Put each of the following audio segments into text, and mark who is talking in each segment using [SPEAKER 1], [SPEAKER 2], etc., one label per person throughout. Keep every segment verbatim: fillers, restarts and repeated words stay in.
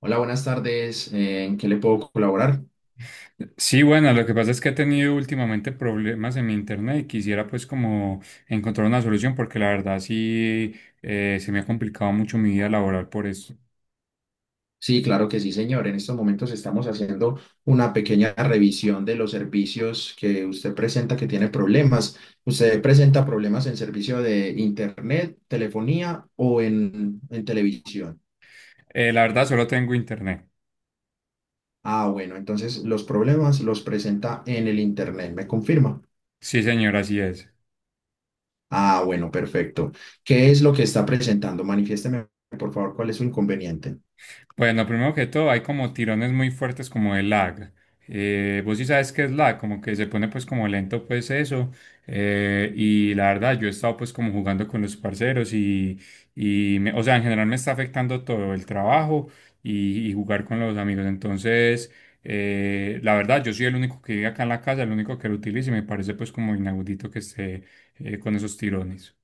[SPEAKER 1] Hola, buenas tardes. Eh, ¿En qué le puedo colaborar?
[SPEAKER 2] Sí, bueno, lo que pasa es que he tenido últimamente problemas en mi internet y quisiera pues como encontrar una solución porque la verdad sí eh, se me ha complicado mucho mi vida laboral por eso.
[SPEAKER 1] Sí, claro que sí, señor. En estos momentos estamos haciendo una pequeña revisión de los servicios que usted presenta que tiene problemas. ¿Usted presenta problemas en servicio de internet, telefonía o en, en televisión?
[SPEAKER 2] Eh, la verdad solo tengo internet.
[SPEAKER 1] Ah, bueno, entonces los problemas los presenta en el internet, ¿me confirma?
[SPEAKER 2] Sí, señor, así es.
[SPEAKER 1] Ah, bueno, perfecto. ¿Qué es lo que está presentando? Manifiésteme, por favor, cuál es su inconveniente.
[SPEAKER 2] Bueno, primero que todo, hay como tirones muy fuertes como de lag. Eh, vos sí sabes qué es lag, como que se pone pues como lento pues eso. Eh, y la verdad, yo he estado pues como jugando con los parceros y, y me- o sea, en general me está afectando todo el trabajo y, y jugar con los amigos. Entonces, eh, la verdad, yo soy el único que vive acá en la casa, el único que lo utiliza y me parece pues como inaudito que esté eh, con esos tirones.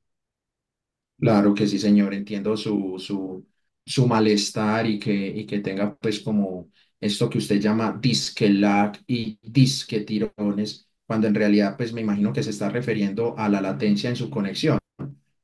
[SPEAKER 1] Claro que sí, señor, entiendo su, su, su malestar y que, y que tenga pues como esto que usted llama disque lag y disque tirones, cuando en realidad pues me imagino que se está refiriendo a la latencia en su conexión.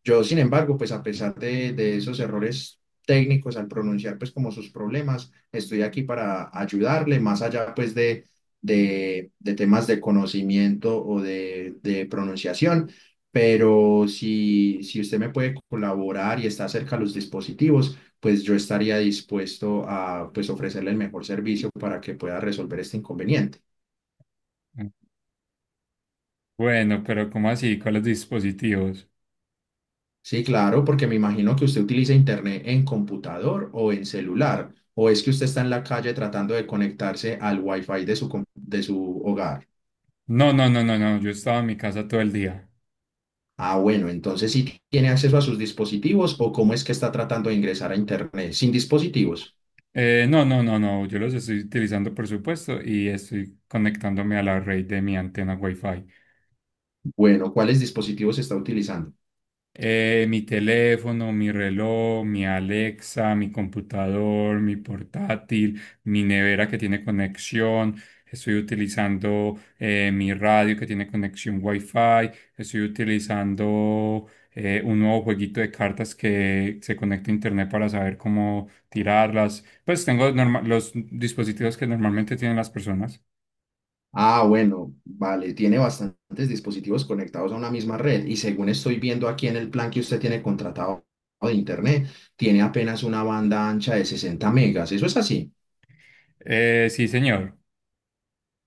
[SPEAKER 1] Yo, sin embargo, pues a pesar de, de esos errores técnicos al pronunciar pues como sus problemas, estoy aquí para ayudarle, más allá pues de, de, de temas de conocimiento o de, de pronunciación, pero si, si usted me puede colaborar y está cerca a los dispositivos, pues yo estaría dispuesto a pues ofrecerle el mejor servicio para que pueda resolver este inconveniente.
[SPEAKER 2] Bueno, pero ¿cómo así? ¿Cuáles dispositivos?
[SPEAKER 1] Sí, claro, porque me imagino que usted utiliza internet en computador o en celular, o es que usted está en la calle tratando de conectarse al wifi de su, com- de su hogar.
[SPEAKER 2] No, no, no, no, no, yo estaba en mi casa todo el día.
[SPEAKER 1] Ah, bueno, entonces sí tiene acceso a sus dispositivos o cómo es que está tratando de ingresar a internet sin dispositivos.
[SPEAKER 2] Eh, no, no, no, no, yo los estoy utilizando por supuesto y estoy conectándome a la red de mi antena Wi-Fi.
[SPEAKER 1] Bueno, ¿cuáles dispositivos está utilizando?
[SPEAKER 2] Eh, mi teléfono, mi reloj, mi Alexa, mi computador, mi portátil, mi nevera que tiene conexión. Estoy utilizando eh, mi radio que tiene conexión Wi-Fi. Estoy utilizando eh, un nuevo jueguito de cartas que se conecta a internet para saber cómo tirarlas. Pues tengo norma- los dispositivos que normalmente tienen las personas.
[SPEAKER 1] Ah, bueno, vale, tiene bastantes dispositivos conectados a una misma red y según estoy viendo aquí en el plan que usted tiene contratado de internet, tiene apenas una banda ancha de sesenta megas. ¿Eso es así?
[SPEAKER 2] Eh, sí, señor.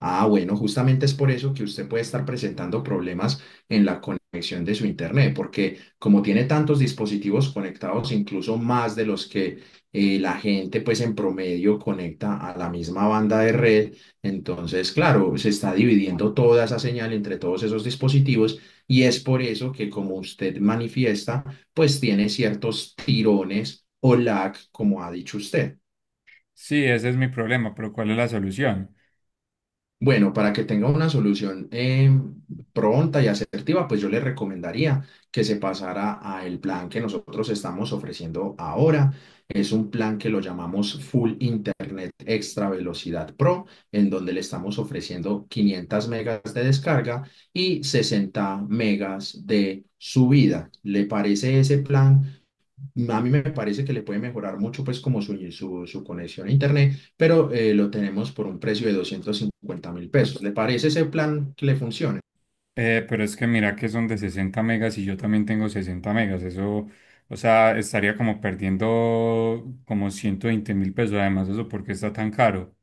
[SPEAKER 1] Ah, bueno, justamente es por eso que usted puede estar presentando problemas en la conexión de su internet, porque como tiene tantos dispositivos conectados, incluso más de los que eh, la gente pues en promedio conecta a la misma banda de red, entonces claro, se está dividiendo toda esa señal entre todos esos dispositivos y es por eso que, como usted manifiesta, pues tiene ciertos tirones o lag, como ha dicho usted.
[SPEAKER 2] Sí, ese es mi problema, pero ¿cuál es la solución?
[SPEAKER 1] Bueno, para que tenga una solución eh, pronta y asertiva, pues yo le recomendaría que se pasara a el plan que nosotros estamos ofreciendo ahora. Es un plan que lo llamamos Full Internet Extra Velocidad Pro, en donde le estamos ofreciendo quinientas megas de descarga y sesenta megas de subida. ¿Le parece ese plan? A mí me parece que le puede mejorar mucho pues como su, su, su conexión a internet, pero eh, lo tenemos por un precio de doscientos cincuenta mil pesos. ¿Le parece ese plan que le funcione?
[SPEAKER 2] Eh, pero es que mira que son de sesenta megas y yo también tengo sesenta megas. Eso, o sea, estaría como perdiendo como ciento veinte mil pesos. Además, eso porque está tan caro.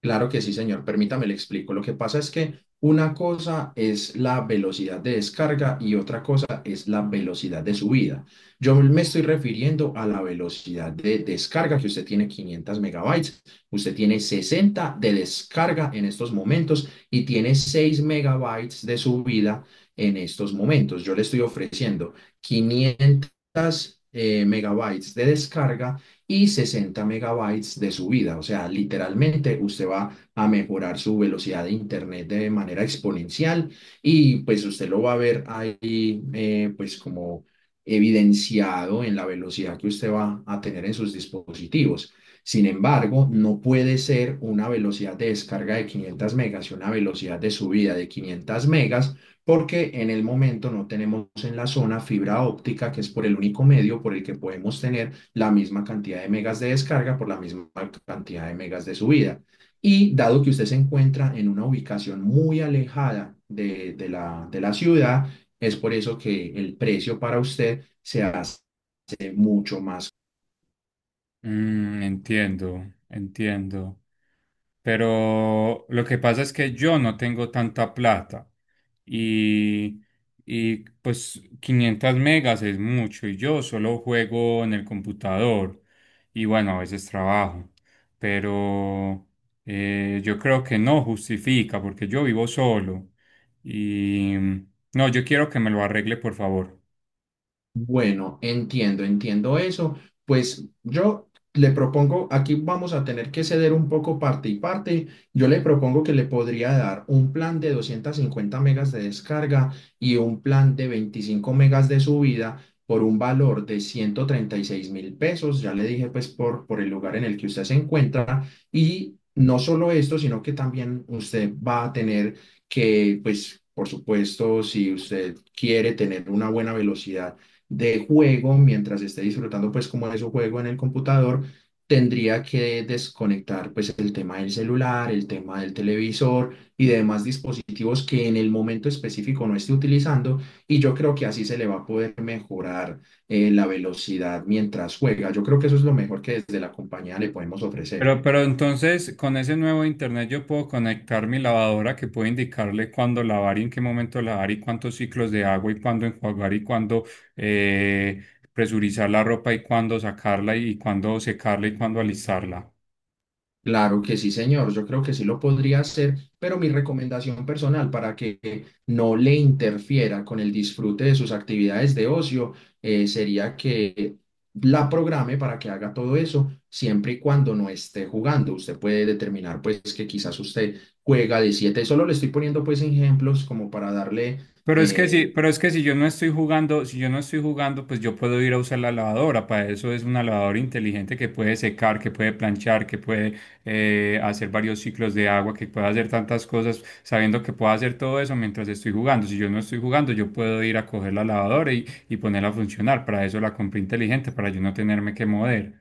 [SPEAKER 1] Claro que sí, señor. Permítame, le explico. Lo que pasa es que una cosa es la velocidad de descarga y otra cosa es la velocidad de subida. Yo me estoy refiriendo a la velocidad de descarga, que usted tiene quinientos megabytes, usted tiene sesenta de descarga en estos momentos y tiene seis megabytes de subida en estos momentos. Yo le estoy ofreciendo quinientos eh, megabytes de descarga y sesenta megabytes de subida. O sea, literalmente usted va a mejorar su velocidad de internet de manera exponencial y pues usted lo va a ver ahí, eh, pues como evidenciado en la velocidad que usted va a tener en sus dispositivos. Sin embargo, no puede ser una velocidad de descarga de quinientas megas y una velocidad de subida de quinientas megas porque en el momento no tenemos en la zona fibra óptica, que es por el único medio por el que podemos tener la misma cantidad de megas de descarga por la misma cantidad de megas de subida. Y dado que usted se encuentra en una ubicación muy alejada de, de la, de la ciudad, es por eso que el precio para usted se hace mucho más.
[SPEAKER 2] Mm, entiendo, entiendo. Pero lo que pasa es que yo no tengo tanta plata y, y pues quinientas megas es mucho y yo solo juego en el computador y bueno, a veces trabajo, pero eh, yo creo que no justifica porque yo vivo solo y no, yo quiero que me lo arregle por favor.
[SPEAKER 1] Bueno, entiendo, entiendo eso. Pues yo le propongo, aquí vamos a tener que ceder un poco parte y parte. Yo le propongo que le podría dar un plan de doscientas cincuenta megas de descarga y un plan de veinticinco megas de subida por un valor de ciento treinta y seis mil pesos. Ya le dije pues por, por el lugar en el que usted se encuentra. Y no solo esto, sino que también usted va a tener que, pues, por supuesto, si usted quiere tener una buena velocidad de juego, mientras esté disfrutando pues como de su juego en el computador, tendría que desconectar pues el tema del celular, el tema del televisor y de demás dispositivos que en el momento específico no esté utilizando, y yo creo que así se le va a poder mejorar eh, la velocidad mientras juega. Yo creo que eso es lo mejor que desde la compañía le podemos ofrecer.
[SPEAKER 2] Pero, pero entonces, con ese nuevo internet yo puedo conectar mi lavadora que puede indicarle cuándo lavar y en qué momento lavar y cuántos ciclos de agua y cuándo enjuagar y cuándo eh, presurizar la ropa y cuándo sacarla y cuándo secarla y cuándo alistarla.
[SPEAKER 1] Claro que sí, señor. Yo creo que sí lo podría hacer, pero mi recomendación personal, para que no le interfiera con el disfrute de sus actividades de ocio, eh, sería que la programe para que haga todo eso siempre y cuando no esté jugando. Usted puede determinar pues que quizás usted juega de siete. Solo le estoy poniendo pues ejemplos como para darle.
[SPEAKER 2] Pero es que
[SPEAKER 1] eh,
[SPEAKER 2] si, pero es que si yo no estoy jugando, si yo no estoy jugando, pues yo puedo ir a usar la lavadora. Para eso es una lavadora inteligente que puede secar, que puede planchar, que puede eh, hacer varios ciclos de agua, que puede hacer tantas cosas, sabiendo que puedo hacer todo eso mientras estoy jugando. Si yo no estoy jugando, yo puedo ir a coger la lavadora y, y ponerla a funcionar. Para eso la compré inteligente, para yo no tenerme que mover.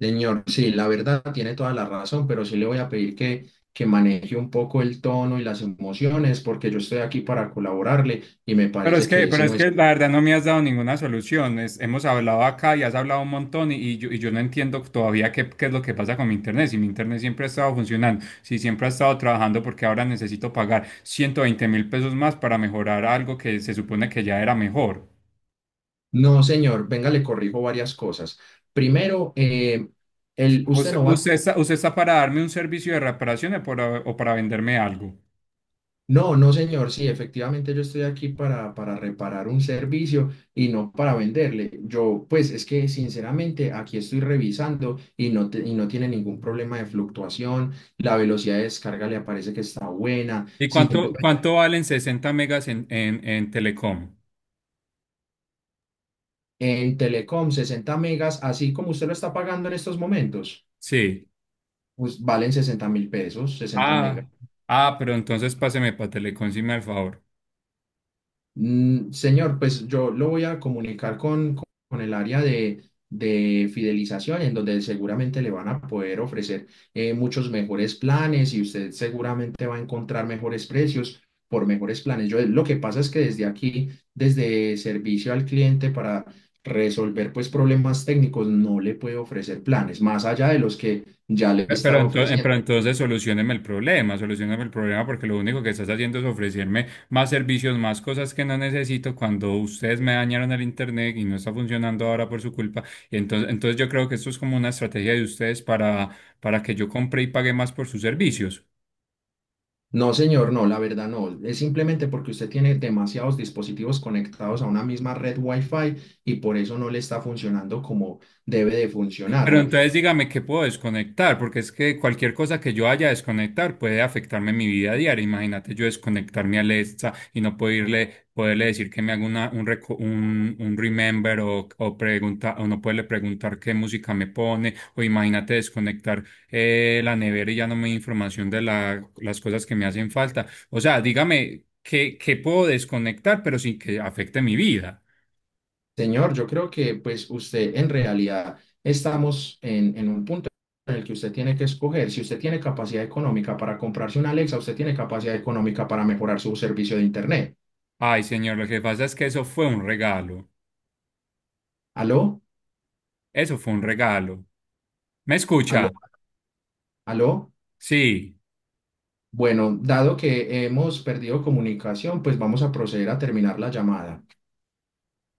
[SPEAKER 1] Señor, sí, la verdad tiene toda la razón, pero sí le voy a pedir que, que maneje un poco el tono y las emociones, porque yo estoy aquí para colaborarle y me
[SPEAKER 2] Pero es
[SPEAKER 1] parece
[SPEAKER 2] que,
[SPEAKER 1] que
[SPEAKER 2] pero
[SPEAKER 1] ese
[SPEAKER 2] es
[SPEAKER 1] no es.
[SPEAKER 2] que la verdad no me has dado ninguna solución. Es- hemos hablado acá y has hablado un montón y, y yo, y yo no entiendo todavía qué, qué es lo que pasa con mi internet. Si mi internet siempre ha estado funcionando, si siempre ha estado trabajando, porque ahora necesito pagar ciento veinte mil pesos más para mejorar algo que se supone que ya era mejor.
[SPEAKER 1] No, señor, venga, le corrijo varias cosas. Primero, eh, el, usted
[SPEAKER 2] Usted,
[SPEAKER 1] no va a.
[SPEAKER 2] usted está, usted está para darme un servicio de reparaciones por a- o para venderme algo.
[SPEAKER 1] No, no, señor, sí, efectivamente yo estoy aquí para, para reparar un servicio y no para venderle. Yo, pues es que sinceramente aquí estoy revisando y no, te- y no tiene ningún problema de fluctuación, la velocidad de descarga le aparece que está buena,
[SPEAKER 2] ¿Y cuánto,
[SPEAKER 1] simplemente
[SPEAKER 2] cuánto valen sesenta megas en, en, en Telecom?
[SPEAKER 1] en Telecom sesenta megas, así como usted lo está pagando en estos momentos,
[SPEAKER 2] Sí.
[SPEAKER 1] pues valen sesenta mil pesos, sesenta megas.
[SPEAKER 2] Ah, ah, pero entonces páseme para Telecom, si me da el favor.
[SPEAKER 1] Mm, señor, pues yo lo voy a comunicar con, con con el área de, de fidelización, en donde seguramente le van a poder ofrecer eh, muchos mejores planes y usted seguramente va a encontrar mejores precios por mejores planes. Yo, lo que pasa es que desde aquí, desde servicio al cliente, para resolver pues problemas técnicos, no le puedo ofrecer planes más allá de los que ya le
[SPEAKER 2] Pe- Pero,
[SPEAKER 1] estaba
[SPEAKER 2] entonces,
[SPEAKER 1] ofreciendo.
[SPEAKER 2] pero entonces solucioneme el problema, solucioneme el problema porque lo único que estás haciendo es ofrecerme más servicios, más cosas que no necesito cuando ustedes me dañaron el internet y no está funcionando ahora por su culpa. Entonces, entonces yo creo que esto es como una estrategia de ustedes para, para que yo compre y pague más por sus servicios.
[SPEAKER 1] No, señor, no, la verdad no. Es simplemente porque usted tiene demasiados dispositivos conectados a una misma red Wi-Fi y por eso no le está funcionando como debe de
[SPEAKER 2] Pero
[SPEAKER 1] funcionarle.
[SPEAKER 2] entonces dígame qué puedo desconectar, porque es que cualquier cosa que yo haya desconectar puede afectarme en mi vida diaria. Imagínate yo desconectarme a Alexa y no poderle, poderle decir que me haga una, un, reco- un, un remember o, o, pregunta, o no poderle preguntar qué música me pone, o imagínate desconectar eh, la nevera y ya no me da información de la- las cosas que me hacen falta. O sea, dígame qué, qué puedo desconectar, pero sin que afecte mi vida.
[SPEAKER 1] Señor, yo creo que pues usted, en realidad, estamos en, en un punto en el que usted tiene que escoger. Si usted tiene capacidad económica para comprarse una Alexa, usted tiene capacidad económica para mejorar su servicio de Internet.
[SPEAKER 2] Ay, señor, lo que pasa es que eso fue un regalo.
[SPEAKER 1] ¿Aló?
[SPEAKER 2] Eso fue un regalo. ¿Me escucha?
[SPEAKER 1] ¿Aló? ¿Aló?
[SPEAKER 2] Sí.
[SPEAKER 1] Bueno, dado que hemos perdido comunicación, pues vamos a proceder a terminar la llamada.